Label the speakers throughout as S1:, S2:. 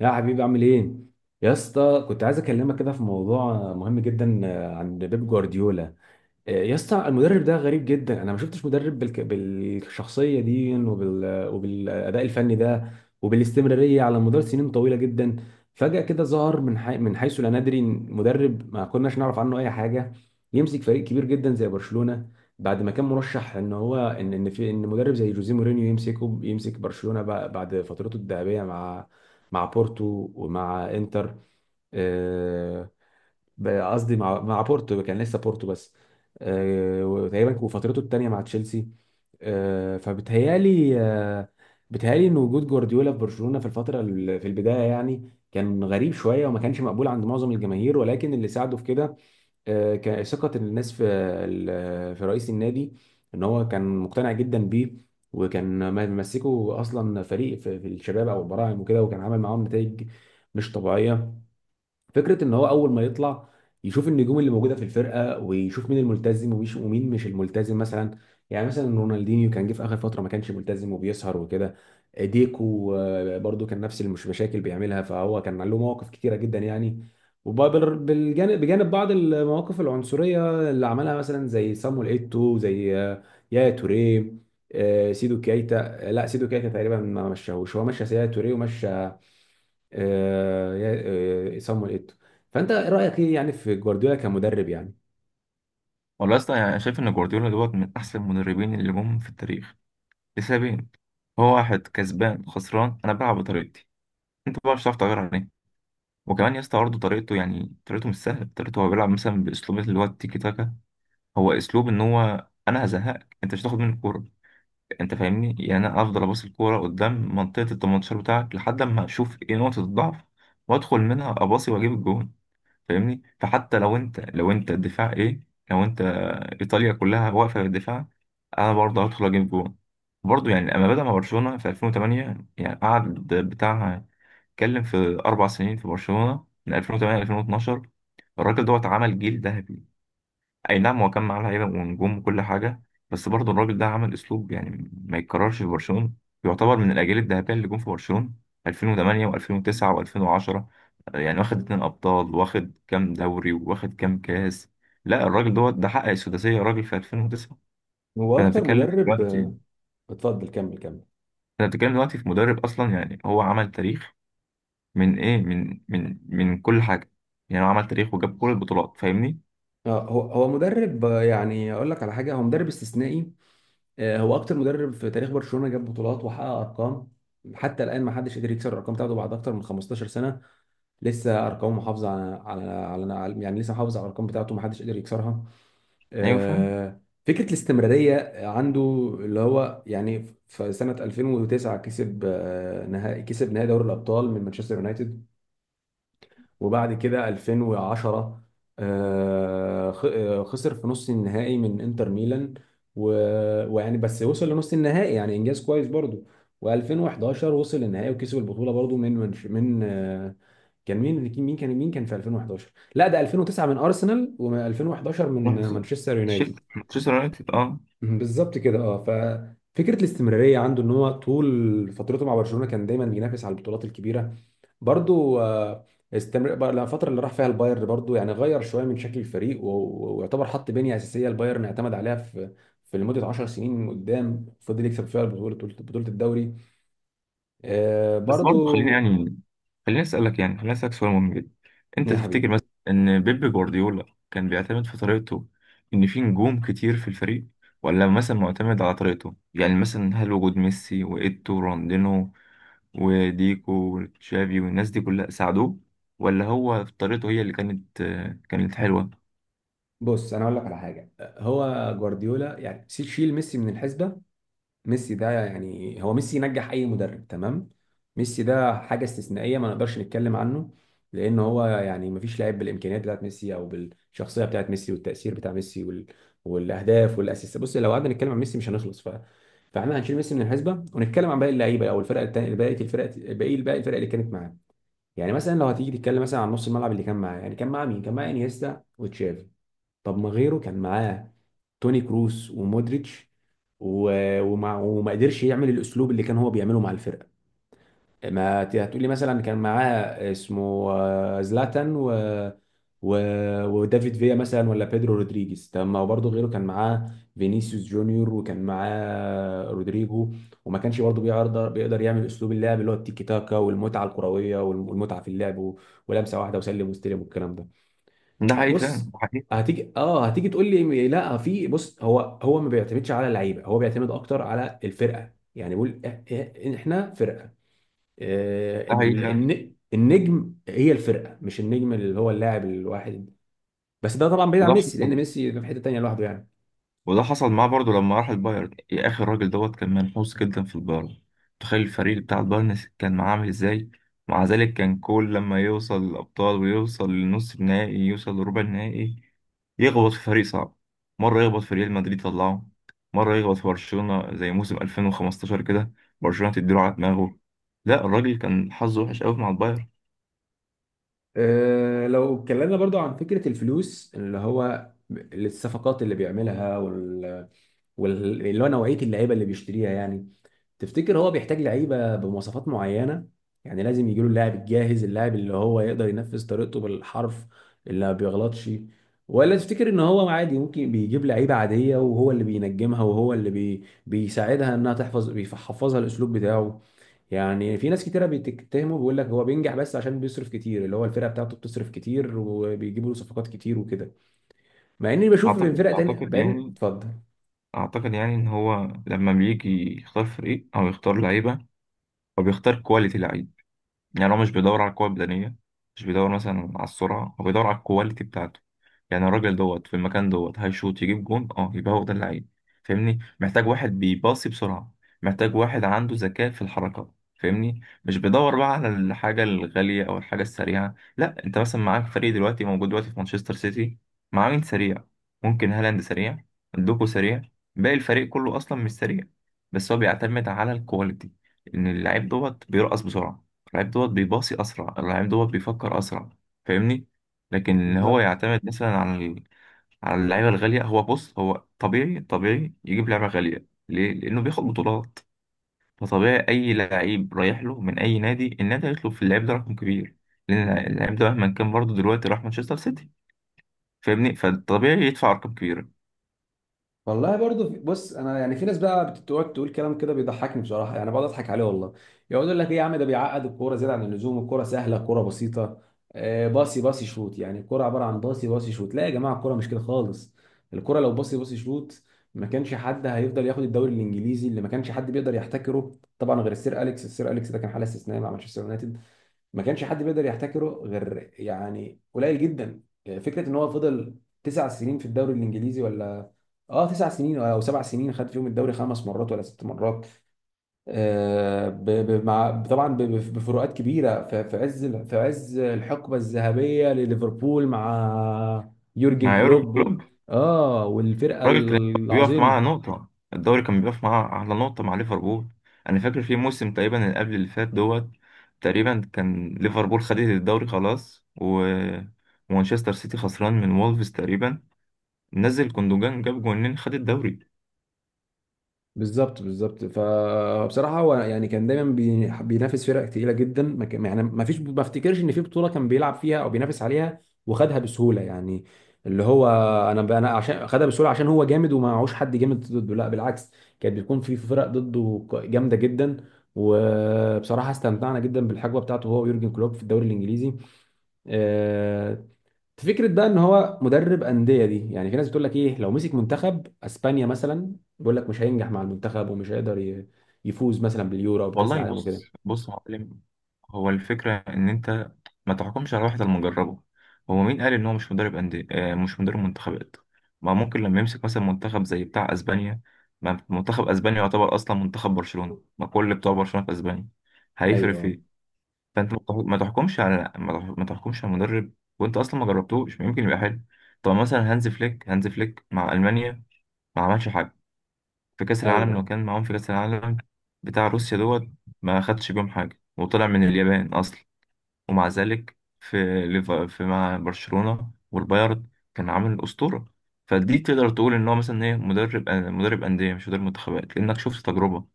S1: يا حبيبي عامل ايه؟ يا اسطى كنت عايز اكلمك كده في موضوع مهم جدا، عن بيب جوارديولا. يا اسطى المدرب ده غريب جدا، انا ما شفتش مدرب بالشخصيه دي وبالاداء الفني ده، وبالاستمراريه على مدار سنين طويله جدا. فجاه كده ظهر من حيث لا ندري مدرب ما كناش نعرف عنه اي حاجه، يمسك فريق كبير جدا زي برشلونه، بعد ما كان مرشح ان هو ان في ان مدرب زي جوزيه مورينيو يمسك برشلونه بعد فترته الذهبيه مع بورتو ومع انتر. آه، قصدي مع بورتو، كان لسه بورتو بس. وتقريبا وفترته الثانيه مع تشيلسي. فبتهيالي، بتهيالي ان وجود جوارديولا في برشلونه في الفتره في البدايه يعني كان غريب شويه، وما كانش مقبول عند معظم الجماهير، ولكن اللي ساعده في كده كان ثقه الناس في في رئيس النادي، ان هو كان مقتنع جدا بيه، وكان ممسكه اصلا فريق في الشباب او البراعم وكده، وكان عامل معاهم نتائج مش طبيعيه. فكره ان هو اول ما يطلع يشوف النجوم اللي موجوده في الفرقه ويشوف مين الملتزم ومين مش الملتزم مثلا. يعني مثلا رونالدينيو كان جه في اخر فتره ما كانش ملتزم وبيسهر وكده، ديكو برضو كان نفس المشاكل بيعملها، فهو كان له مواقف كتيره جدا يعني، وبجانب بعض المواقف العنصريه اللي عملها، مثلا زي صامويل ايتو، زي يايا توريه، سيدو كايتا. لا سيدو كايتا تقريبا ما مشاهوش، هو مشى يايا توريه ومشى آه، يا- صامويل ايتو. فانت ايه رايك ايه يعني في جوارديولا كمدرب يعني.
S2: والله يا اسطى، يعني انا شايف ان جوارديولا دوت من احسن المدربين اللي جم في التاريخ لسببين. هو واحد كسبان خسران، انا بلعب بطريقتي، انت بقى مش هتعرف تغير عليه. وكمان يا اسطى، برضه طريقته يعني طريقته مش سهله. طريقته هو بيلعب مثلا باسلوب اللي هو التيكي تاكا. هو اسلوب ان هو انا هزهقك، انت مش هتاخد مني الكوره. انت فاهمني، يعني انا افضل اباص الكوره قدام منطقه ال 18 بتاعك لحد اما اشوف ايه نقطه الضعف وادخل منها اباصي واجيب الجون. فاهمني؟ فحتى لو انت الدفاع ايه، لو انت ايطاليا كلها واقفه بالدفاع، انا برضه هدخل اجيب جون. برضه يعني لما بدأ مع برشلونه في 2008، يعني قعد، بتاع، اتكلم في 4 سنين في برشلونه، من 2008 ل 2012. الراجل دوت عمل جيل ذهبي. اي نعم، هو كان معاه لعيبه ونجوم وكل حاجه، بس برضه الراجل ده عمل اسلوب يعني ما يتكررش في برشلونه. يعتبر من الاجيال الذهبيه اللي جم في برشلونه 2008 و2009 و2010. يعني واخد 2 ابطال، واخد كام دوري، واخد كام كاس. لا، الراجل دوت ده حقق السداسيه الراجل في 2009.
S1: هو
S2: فانا
S1: اكتر
S2: بتكلم
S1: مدرب،
S2: دلوقتي
S1: اتفضل كمل كمل.
S2: انا بتكلم دلوقتي في مدرب اصلا. يعني هو عمل تاريخ من ايه، من كل حاجه. يعني هو عمل تاريخ وجاب كل البطولات. فاهمني؟
S1: اه هو مدرب، يعني اقول لك على حاجه، هو مدرب استثنائي. هو اكتر مدرب في تاريخ برشلونه جاب بطولات وحقق ارقام. حتى الان ما حدش قدر يكسر الارقام بتاعته بعد اكتر من 15 سنه. لسه ارقامه محافظه يعني لسه محافظ على الارقام بتاعته، ما حدش قدر يكسرها.
S2: ايوه، فاهم.
S1: آه، فكرة الاستمرارية عنده، اللي هو يعني في سنة 2009 كسب نهائي دوري الأبطال من مانشستر يونايتد، وبعد كده 2010 خسر في نص النهائي من انتر ميلان، ويعني بس وصل لنص النهائي يعني إنجاز كويس برضه. و2011 وصل للنهائي وكسب البطولة برضه من منش- من آه، كان مين مين كان مين كان في 2011؟ لا ده 2009 من أرسنال و2011
S2: رحت
S1: من مانشستر
S2: شلت
S1: يونايتد.
S2: مانشستر يونايتد، اه.
S1: بالظبط كده. اه ففكره الاستمراريه عنده ان هو طول فترته مع برشلونه كان دايما بينافس على البطولات الكبيره برضو. استمر بقى الفتره اللي راح فيها البايرن برضو، يعني غير شويه من شكل الفريق ويعتبر حط بنيه اساسيه البايرن اعتمد عليها في لمده 10 سنين قدام، فضل يكسب فيها بطوله الدوري.
S2: بس برضه
S1: برضو.
S2: خليني يعني خليني اسالك يعني خليني اسالك سؤال مهم جدا. انت
S1: يا
S2: تفتكر
S1: حبيبي،
S2: مثلا ان بيب جوارديولا كان بيعتمد في طريقته ان في نجوم كتير في الفريق، ولا مثلا معتمد على طريقته؟ يعني مثلا هل وجود ميسي وايتو وراندينو وديكو وتشافي والناس دي كلها ساعدوه، ولا هو في طريقته هي اللي كانت حلوة؟
S1: بص انا اقول لك على حاجه، هو جوارديولا يعني شيل ميسي من الحسبه. ميسي ده يعني هو ميسي ينجح اي مدرب، تمام؟ ميسي ده حاجه استثنائيه ما نقدرش نتكلم عنه، لان هو يعني ما فيش لاعب بالامكانيات بتاعت ميسي او بالشخصيه بتاعت ميسي والتاثير بتاع ميسي والاهداف والاسيستات. بص لو قعدنا نتكلم عن ميسي مش هنخلص، فاحنا هنشيل ميسي من الحسبه ونتكلم عن باقي اللعيبه او الفرق التانيه، باقي الفرق اللي كانت معاه. يعني مثلا لو هتيجي تتكلم مثلا عن نص الملعب اللي كان معاه، يعني كان معاه مين؟ كان معاه انيستا وتشافي. طب ما غيره كان معاه توني كروس ومودريتش، وما قدرش يعمل الاسلوب اللي كان هو بيعمله مع الفرقه. ما ت- هتقولي مثلا كان معاه اسمه زلاتان و... ودافيد فيا مثلا، ولا بيدرو رودريجيز، طب ما هو برضه غيره كان معاه فينيسيوس جونيور وكان معاه رودريجو، وما كانش برضه بيقدر يعمل اسلوب اللعب اللي هو التيكي تاكا والمتعه الكرويه والمتعه في اللعب ولمسه واحده وسلم واستلم والكلام ده.
S2: ده حقيقي فعلا،
S1: بص
S2: ده حقيقي.
S1: هتيجي، تقول لي لا، في بص هو ما بيعتمدش على اللعيبه، هو بيعتمد اكتر على الفرقه، يعني بيقول احنا فرقه.
S2: ده حقيقي فعلا.
S1: النجم هي الفرقه مش النجم اللي هو اللاعب الواحد. بس ده طبعا بعيد عن
S2: وده
S1: ميسي، لان
S2: حصل
S1: ميسي في حته تانيه لوحده يعني.
S2: وده حصل معاه برضه لما راح البايرن. يا اخي، الراجل دوت كان منحوس جدا في البايرن. تخيل الفريق بتاع البايرن كان معاه عامل ازاي؟ مع ذلك كان كل لما يوصل للابطال، ويوصل لنص النهائي، يوصل لربع النهائي، يخبط في فريق صعب. مرة يخبط في ريال مدريد طلعه، مرة يخبط في برشلونة زي موسم 2015 كده، برشلونة تديله على دماغه. لا، الراجل كان حظه وحش قوي مع البايرن.
S1: لو اتكلمنا برضو عن فكره الفلوس اللي هو الصفقات اللي بيعملها اللي هو نوعيه اللعيبه اللي بيشتريها يعني. تفتكر هو بيحتاج لعيبه بمواصفات معينه؟ يعني لازم يجيله اللاعب الجاهز، اللاعب اللي هو يقدر ينفذ طريقته بالحرف اللي ما بيغلطش؟ ولا تفتكر ان هو عادي ممكن بيجيب لعيبه عاديه وهو اللي بينجمها وهو اللي بيساعدها انها تحفظ، بيحفظها الاسلوب بتاعه؟ يعني في ناس كتيره بتتهمه بيقول لك هو بينجح بس عشان بيصرف كتير، اللي هو الفرقه بتاعته بتصرف كتير وبيجيبوا له صفقات كتير وكده، مع اني بشوف في
S2: اعتقد
S1: فرق تانية.
S2: اعتقد
S1: بعدين
S2: يعني
S1: اتفضل.
S2: اعتقد يعني ان هو لما بيجي يختار فريق او يختار لعيبة، هو بيختار كواليتي لعيبة. يعني هو مش بيدور على القوة البدنية، مش بيدور مثلا على السرعة، هو بيدور على الكواليتي بتاعته. يعني الراجل دوت في المكان دوت هيشوط يجيب جون، اه، يبقى هو ده اللعيب. فاهمني؟ محتاج واحد بيباصي بسرعة، محتاج واحد عنده ذكاء في الحركة. فاهمني؟ مش بيدور بقى على الحاجة الغالية أو الحاجة السريعة. لا، أنت مثلا معاك فريق دلوقتي، موجود دلوقتي في مانشستر سيتي، معاه مين سريع؟ ممكن هالاند سريع، دوكو سريع، باقي الفريق كله أصلا مش سريع. بس هو بيعتمد على الكواليتي، إن اللعيب دوت بيرقص بسرعة، اللعيب دوت بيباصي اسرع، اللعيب دوت بيفكر اسرع. فاهمني؟ لكن ان هو
S1: بالظبط.
S2: يعتمد مثلا على على اللعيبه الغاليه. هو بص، هو طبيعي، طبيعي يجيب لعبه غاليه، ليه؟ لانه بياخد بطولات. فطبيعي اي لعيب رايح له من اي نادي، النادي هيطلب في اللعيب ده رقم كبير، لان اللعيب ده مهما كان برضه دلوقتي راح مانشستر سيتي. فاهمني؟ فطبيعي يدفع ارقام كبيره.
S1: والله برضو بص انا يعني في ناس بقى بتقعد تقول كلام كده بيضحكني بصراحه، يعني بقعد اضحك عليه والله. يقعد يقول لك ايه، يا عم ده بيعقد الكوره زياده عن اللزوم، الكوره سهله الكوره بسيطه. باصي باصي شوت، يعني الكوره عباره عن باصي باصي شوت. لا يا جماعه الكوره مش كده خالص. الكوره لو باصي باصي شوت ما كانش حد هيفضل ياخد الدوري الانجليزي اللي ما كانش حد بيقدر يحتكره. طبعا غير السير اليكس ده كان حاله استثنائيه مع مانشستر يونايتد، ما كانش حد بيقدر يحتكره غير يعني قليل جدا. فكره ان هو فضل 9 سنين في الدوري الانجليزي، ولا اه 9 سنين او 7 سنين خد فيهم الدوري 5 مرات ولا 6 مرات. مع طبعا بفروقات كبيره في عز الحقبه الذهبيه لليفربول مع يورجن
S2: مع يورجن
S1: كلوب.
S2: كلوب
S1: اه والفرقه
S2: الراجل كان بيقف معاه
S1: العظيمه.
S2: على نقطة الدوري، كان بيقف معاه على نقطة مع ليفربول. أنا فاكر في موسم تقريبا اللي قبل اللي فات دوت، تقريبا كان ليفربول خدت الدوري خلاص، ومانشستر سيتي خسران من وولفز تقريبا، نزل كوندوجان جاب جونين خد الدوري.
S1: بالظبط بالظبط، فبصراحه هو يعني كان دايما بينافس فرق تقيله جدا. ما كان- يعني ما فيش، ما افتكرش ان في بطوله كان بيلعب فيها او بينافس عليها وخدها بسهوله يعني، اللي هو انا عشان خدها بسهوله عشان هو جامد وما معهوش حد جامد ضده. لا بالعكس، كانت بتكون في فرق ضده جامده جدا. وبصراحه استمتعنا جدا بالحقبه بتاعته هو ويورجن كلوب في الدوري الانجليزي. آه، فكرة بقى ان هو مدرب أندية، دي يعني في ناس بتقول لك ايه لو مسك منتخب اسبانيا مثلا، بيقول لك مش هينجح مع المنتخب ومش هيقدر يفوز مثلا باليورو او بكأس
S2: والله،
S1: العالم
S2: بص
S1: وكده.
S2: بص يا معلم، هو الفكرة إن أنت ما تحكمش على واحد إلا لما تجربه. هو مين قال إن هو مش مدرب أندية، مش مدرب منتخبات؟ ما ممكن لما يمسك مثلا منتخب زي بتاع أسبانيا، ما منتخب أسبانيا يعتبر أصلا منتخب برشلونة، ما كل بتوع برشلونة في أسبانيا، هيفرق في
S1: ايوه.
S2: إيه؟ فأنت ما تح- ما تحكمش على ما تح- ما تحكمش على مدرب، وأنت أصلا ما جربتوش، ممكن يبقى حلو. طب مثلا، هانز فليك مع ألمانيا ما عملش حاجة في كأس العالم، لما
S1: ايوه.
S2: كان معاهم في كأس العالم بتاع روسيا دوت. ما خدش بيهم حاجة، وطلع من اليابان أصلا. ومع ذلك في في مع برشلونة والبايرن كان عامل أسطورة. فدي تقدر تقول إن هو مثلا إيه، مدرب أندية مش مدرب منتخبات، لأنك شفت تجربة.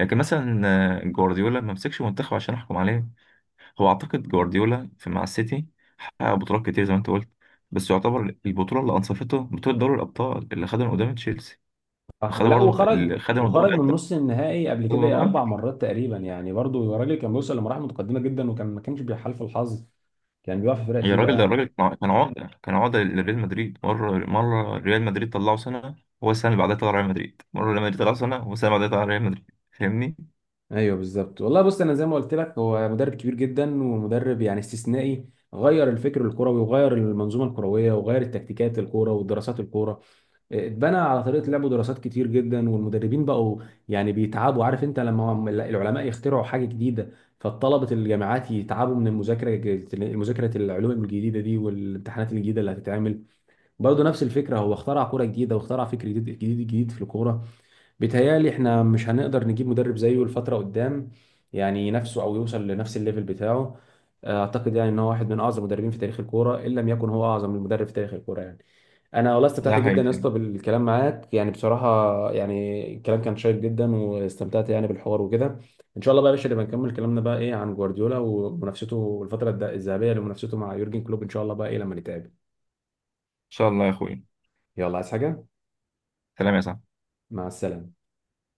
S2: لكن مثلا جوارديولا ما مسكش منتخب عشان أحكم عليه. هو أعتقد جوارديولا في مع السيتي حقق بطولات كتير زي ما أنت قلت. بس يعتبر البطولة اللي أنصفته بطولة دوري الأبطال اللي خدها من قدام تشيلسي،
S1: صح،
S2: وخدها
S1: لا.
S2: برضه
S1: وخرج،
S2: اللي خدها من قدام
S1: وخرج من نص النهائي قبل كده
S2: رمضان.
S1: 4 مرات تقريبا يعني، برضو الراجل كان بيوصل لمراحل متقدمة جدا وكان ما كانش بيحالف الحظ، كان بيقع في فرق
S2: يا
S1: تقيلة
S2: راجل، ده
S1: يعني.
S2: الراجل كان عقدة، كان عقدة لريال مدريد. مرة ريال مدريد طلعه سنة، هو السنة اللي بعدها طلع ريال مدريد. مرة ريال مدريد طلعه سنة، هو السنة اللي بعدها طلع ريال مدريد. فاهمني؟
S1: ايوه بالظبط، والله بص انا زي ما قلت لك هو مدرب كبير جدا ومدرب يعني استثنائي. غير الفكر الكروي وغير المنظومه الكرويه وغير التكتيكات، الكوره ودراسات الكوره اتبنى على طريقه لعبه، دراسات كتير جدا، والمدربين بقوا يعني بيتعبوا. عارف انت لما العلماء يخترعوا حاجه جديده فالطلبه الجامعات يتعبوا من المذاكره، مذاكره العلوم الجديده دي والامتحانات الجديده اللي هتتعمل؟ برضه نفس الفكره، هو اخترع كوره جديده واخترع فكر جديد جديد جديد في الكوره. بيتهيألي احنا مش هنقدر نجيب مدرب زيه الفترة قدام، يعني نفسه او يوصل لنفس الليفل بتاعه. اعتقد يعني ان هو واحد من اعظم المدربين في تاريخ الكوره، ان لم يكن هو اعظم المدرب في تاريخ الكوره يعني. انا والله استمتعت
S2: ده حقيقي،
S1: جدا يا
S2: فاهم. إن
S1: اسطى بالكلام معاك يعني بصراحه، يعني الكلام كان شيق جدا واستمتعت يعني بالحوار وكده. ان شاء الله بقى يا باشا نبقى نكمل كلامنا بقى ايه عن جوارديولا ومنافسته، الفتره الذهبيه لمنافسته مع يورجن كلوب، ان شاء الله بقى ايه لما نتقابل.
S2: شاء الله يا أخوي.
S1: يلا، عايز حاجه؟
S2: سلام يا صاحبي.
S1: مع السلامه.